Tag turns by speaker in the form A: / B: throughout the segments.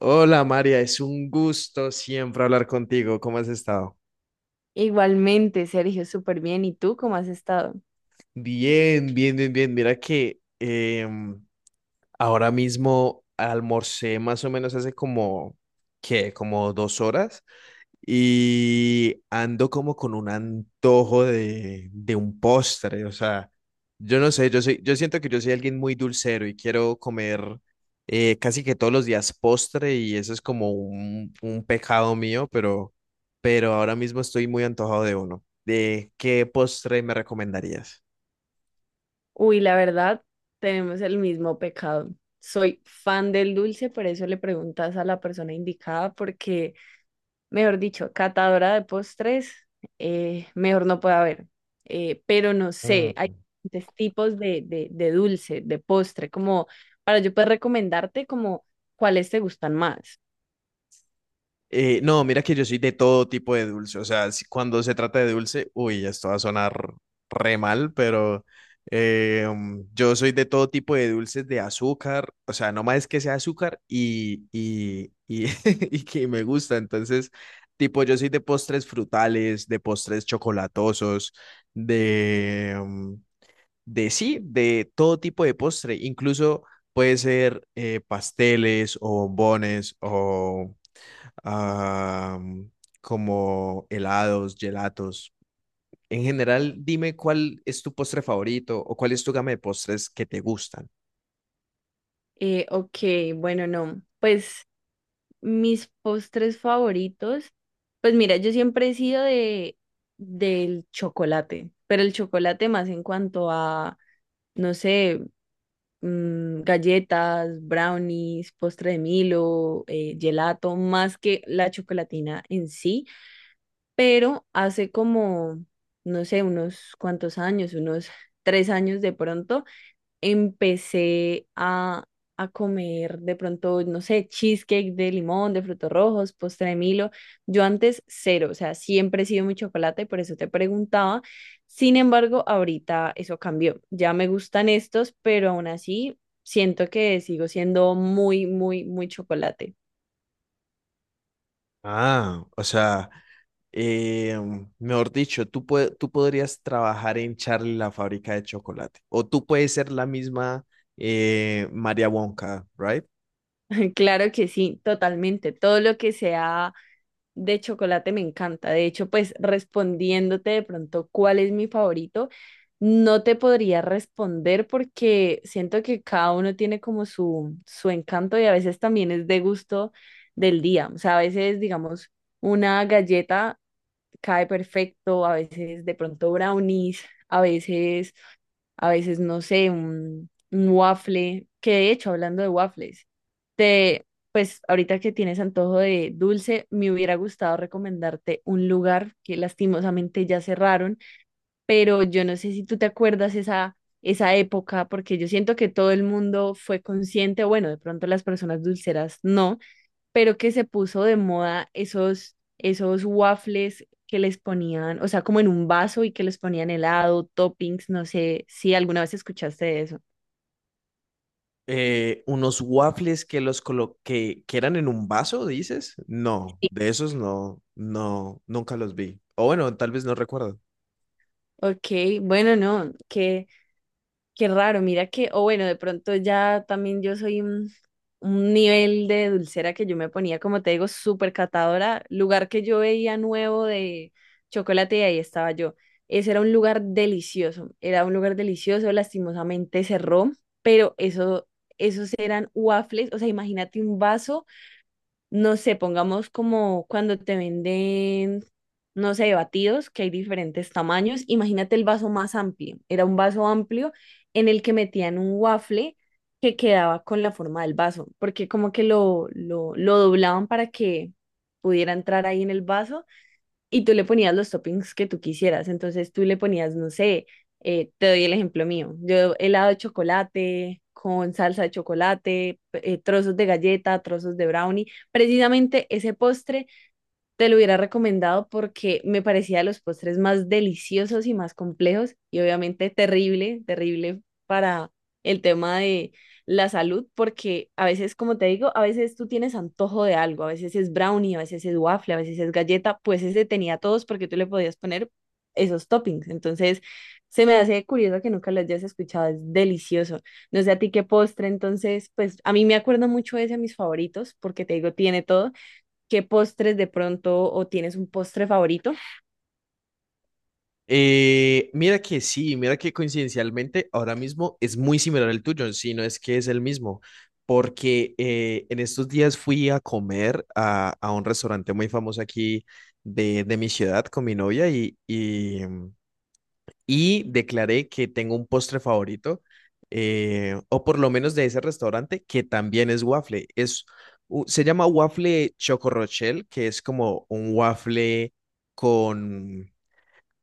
A: Hola María, es un gusto siempre hablar contigo. ¿Cómo has estado?
B: Igualmente, Sergio, súper bien. ¿Y tú cómo has estado?
A: Bien, bien, bien, bien. Mira que ahora mismo almorcé más o menos hace como, ¿qué? Como 2 horas y ando como con un antojo de un postre, o sea, yo no sé, yo soy, yo siento que yo soy alguien muy dulcero y quiero comer casi que todos los días postre y eso es como un pecado mío, pero ahora mismo estoy muy antojado de uno. ¿De qué postre me recomendarías?
B: Uy, la verdad, tenemos el mismo pecado. Soy fan del dulce, por eso le preguntas a la persona indicada, porque, mejor dicho, catadora de postres, mejor no puede haber. Pero no sé, hay
A: Mm.
B: diferentes tipos de dulce, de postre, como para yo poder recomendarte como cuáles te gustan más.
A: No, mira que yo soy de todo tipo de dulce. O sea, cuando se trata de dulce, uy, esto va a sonar re mal, pero yo soy de todo tipo de dulces de azúcar. O sea, no más que sea azúcar y y que me gusta. Entonces, tipo, yo soy de postres frutales, de postres chocolatosos, de, mm, de sí, de todo tipo de postre. Incluso puede ser pasteles o bombones o ah, como helados, gelatos. En general, dime cuál es tu postre favorito o cuál es tu gama de postres que te gustan.
B: Ok, bueno, no, pues. Mis postres favoritos, pues mira, yo siempre he sido de del chocolate, pero el chocolate más en cuanto a, no sé, galletas, brownies, postre de Milo, gelato, más que la chocolatina en sí, pero hace como, no sé, unos cuantos años, unos tres años de pronto empecé a comer de pronto, no sé, cheesecake de limón, de frutos rojos, postre de Milo. Yo antes cero, o sea, siempre he sido muy chocolate, por eso te preguntaba. Sin embargo, ahorita eso cambió. Ya me gustan estos, pero aún así siento que sigo siendo muy, muy, muy chocolate.
A: Ah, o sea, eh, mejor dicho, tú podrías trabajar en Charlie la fábrica de chocolate o tú puedes ser la misma María Wonka, ¿right?
B: Claro que sí, totalmente. Todo lo que sea de chocolate me encanta. De hecho, pues respondiéndote de pronto cuál es mi favorito, no te podría responder porque siento que cada uno tiene como su encanto y a veces también es de gusto del día. O sea, a veces, digamos, una galleta cae perfecto, a veces de pronto brownies, a veces, no sé, un waffle, que de hecho, hablando de waffles, te, pues ahorita que tienes antojo de dulce, me hubiera gustado recomendarte un lugar que lastimosamente ya cerraron, pero yo no sé si tú te acuerdas esa época, porque yo siento que todo el mundo fue consciente, bueno, de pronto las personas dulceras no, pero que se puso de moda esos waffles que les ponían, o sea, como en un vaso y que les ponían helado, toppings, no sé si alguna vez escuchaste de eso.
A: Unos waffles que los colo- que eran en un vaso, ¿dices? No,
B: Sí.
A: de esos no, no, nunca los vi. O bueno, tal vez no recuerdo.
B: Ok, bueno, no, que qué raro, mira que, o bueno, de pronto ya también yo soy un nivel de dulcera que yo me ponía, como te digo, súper catadora. Lugar que yo veía nuevo de chocolate y ahí estaba yo. Ese era un lugar delicioso, era un lugar delicioso, lastimosamente cerró, pero eso, esos eran waffles, o sea, imagínate un vaso, no sé, pongamos como cuando te venden, no sé, batidos, que hay diferentes tamaños. Imagínate el vaso más amplio. Era un vaso amplio en el que metían un waffle que quedaba con la forma del vaso, porque como que lo doblaban para que pudiera entrar ahí en el vaso y tú le ponías los toppings que tú quisieras. Entonces tú le ponías, no sé, te doy el ejemplo mío. Yo helado de chocolate con salsa de chocolate, trozos de galleta, trozos de brownie. Precisamente ese postre te lo hubiera recomendado porque me parecía de los postres más deliciosos y más complejos y obviamente terrible, terrible para el tema de la salud porque a veces, como te digo, a veces tú tienes antojo de algo, a veces es brownie, a veces es waffle, a veces es galleta, pues ese tenía todos porque tú le podías poner esos toppings. Entonces, se me hace curioso que nunca lo hayas escuchado, es delicioso. No sé a ti qué postre, entonces, pues a mí me acuerdo mucho ese a mis favoritos porque te digo, tiene todo. ¿Qué postres de pronto o tienes un postre favorito,
A: Mira que sí, mira que coincidencialmente ahora mismo es muy similar al tuyo, si no es que es el mismo, porque en estos días fui a comer a un restaurante muy famoso aquí de mi ciudad con mi novia y y declaré que tengo un postre favorito, o por lo menos de ese restaurante, que también es waffle. Se llama waffle Choco Rochelle, que es como un waffle con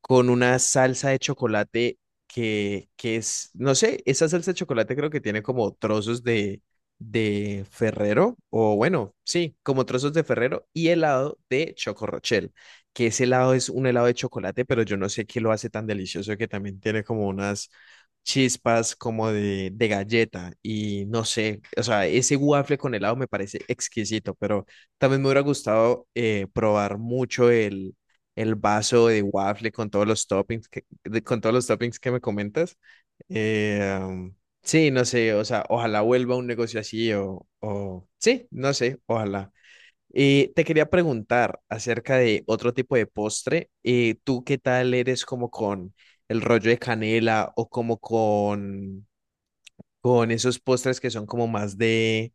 A: con una salsa de chocolate que es, no sé, esa salsa de chocolate creo que tiene como trozos de Ferrero, o bueno, sí, como trozos de Ferrero y helado de Choco Rochelle, que ese helado es un helado de chocolate, pero yo no sé qué lo hace tan delicioso que también tiene como unas chispas como de galleta y no sé, o sea, ese waffle con helado me parece exquisito, pero también me hubiera gustado probar mucho el vaso de waffle con todos los toppings con todos los toppings que me comentas. Eh, um, sí, no sé, o sea, ojalá vuelva un negocio así o sí, no sé, ojalá. Y te quería preguntar acerca de otro tipo de postre. ¿Tú qué tal eres como con el rollo de canela o como con esos postres que son como más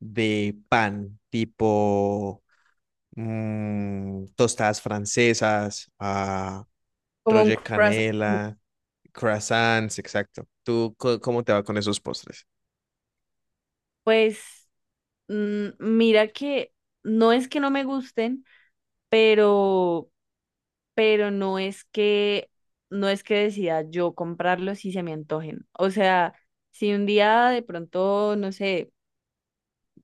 A: de pan, tipo tostadas francesas, ah,
B: como un
A: Roger
B: croissant?
A: Canela, croissants, exacto. ¿Tú cómo te va con esos postres?
B: Pues mira que no es que no me gusten, pero, pero no es que no es que decida yo comprarlos si se me antojen. O sea, si un día de pronto, no sé,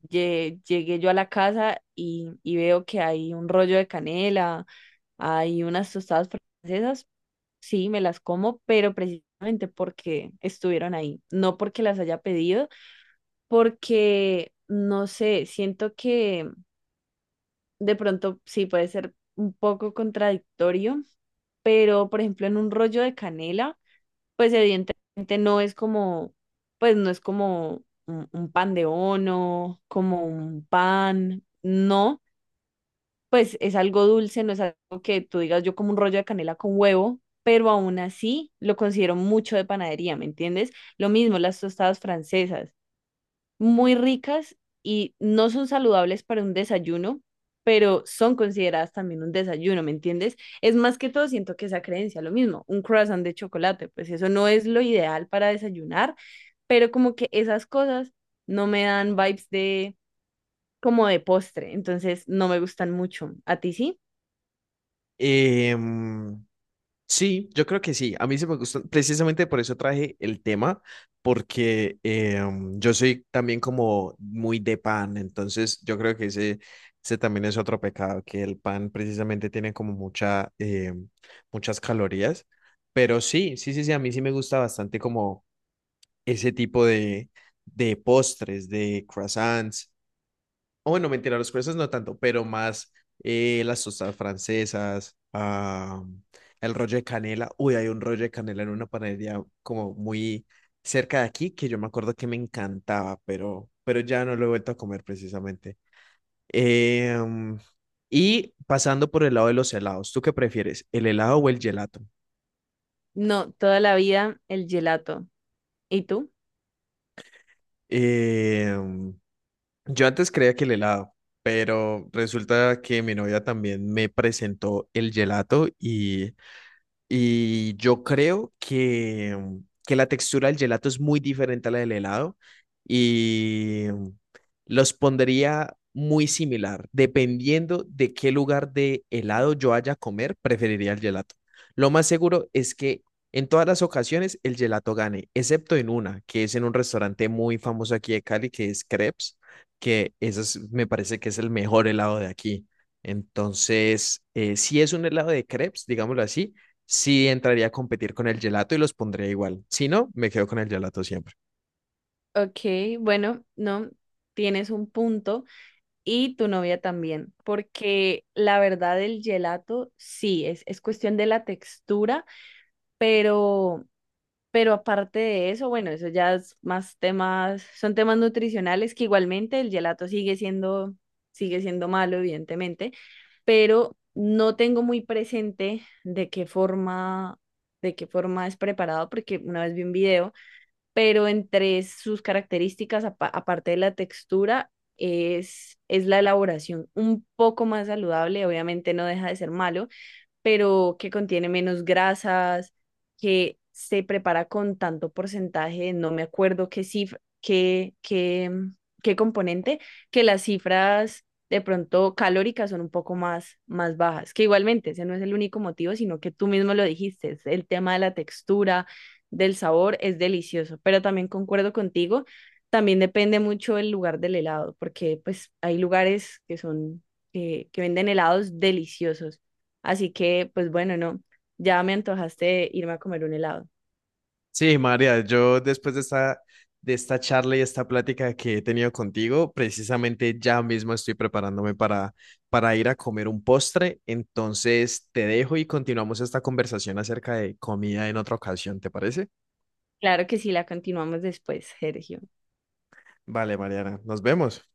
B: llegué yo a la casa y veo que hay un rollo de canela, hay unas tostadas francesas, sí, me las como, pero precisamente porque estuvieron ahí, no porque las haya pedido, porque no sé, siento que de pronto sí puede ser un poco contradictorio, pero por ejemplo en un rollo de canela, pues evidentemente no es como, pues no es como un pan de ono, como un pan, no, pues es algo dulce, no es algo que tú digas yo como un rollo de canela con huevo, pero aún así lo considero mucho de panadería, ¿me entiendes? Lo mismo las tostadas francesas, muy ricas y no son saludables para un desayuno, pero son consideradas también un desayuno, ¿me entiendes? Es más que todo, siento que esa creencia, lo mismo, un croissant de chocolate, pues eso no es lo ideal para desayunar, pero como que esas cosas no me dan vibes de como de postre, entonces no me gustan mucho. ¿A ti sí?
A: Em, sí, yo creo que sí. A mí se me gustan, precisamente por eso traje el tema, porque yo soy también como muy de pan, entonces yo creo que ese también es otro pecado, que el pan precisamente tiene como mucha, muchas calorías. Pero sí, sí, sí, sí, a mí sí me gusta bastante como ese tipo de postres, de croissants o bueno, mentira, los persas no tanto, pero más las tostas francesas, ah, el rollo de canela. Uy, hay un rollo de canela en una panadería como muy cerca de aquí que yo me acuerdo que me encantaba, pero ya no lo he vuelto a comer precisamente. Em, y pasando por el lado de los helados, ¿tú qué prefieres, el helado o el gelato?
B: No, toda la vida el gelato. ¿Y tú?
A: Em, yo antes creía que el helado, pero resulta que mi novia también me presentó el gelato y yo creo que, que la textura del gelato es muy diferente a la del helado y los pondría muy similar. Dependiendo de qué lugar de helado yo haya a comer, preferiría el gelato. Lo más seguro es que en todas las ocasiones el gelato gane, excepto en una, que es en un restaurante muy famoso aquí de Cali, que es Crepes, que me parece que es el mejor helado de aquí. Entonces, si es un helado de crepes, digámoslo así, sí entraría a competir con el gelato y los pondría igual. Si no, me quedo con el gelato siempre.
B: Ok, bueno, no, tienes un punto. Y tu novia también, porque la verdad el gelato sí, es cuestión de la textura, pero, pero aparte de eso, bueno, eso ya es más temas, son temas nutricionales que igualmente el gelato sigue siendo malo, evidentemente, pero no tengo muy presente de qué forma es preparado, porque una vez vi un video pero entre sus características, aparte de la textura, es la elaboración un poco más saludable, obviamente no deja de ser malo, pero que contiene menos grasas, que se prepara con tanto porcentaje, no me acuerdo qué cifra, qué componente, que las cifras de pronto calóricas son un poco más, más bajas, que igualmente ese no es el único motivo, sino que tú mismo lo dijiste, es el tema de la textura, del sabor, es delicioso, pero también concuerdo contigo. También depende mucho el lugar del helado, porque pues hay lugares que son, que venden helados deliciosos. Así que, pues bueno, no, ya me antojaste de irme a comer un helado.
A: Sí, María, yo después de esta charla y esta plática que he tenido contigo, precisamente ya mismo estoy preparándome para ir a comer un postre. Entonces te dejo y continuamos esta conversación acerca de comida en otra ocasión, ¿te parece?
B: Claro que sí, la continuamos después, Sergio.
A: Vale, Mariana, nos vemos.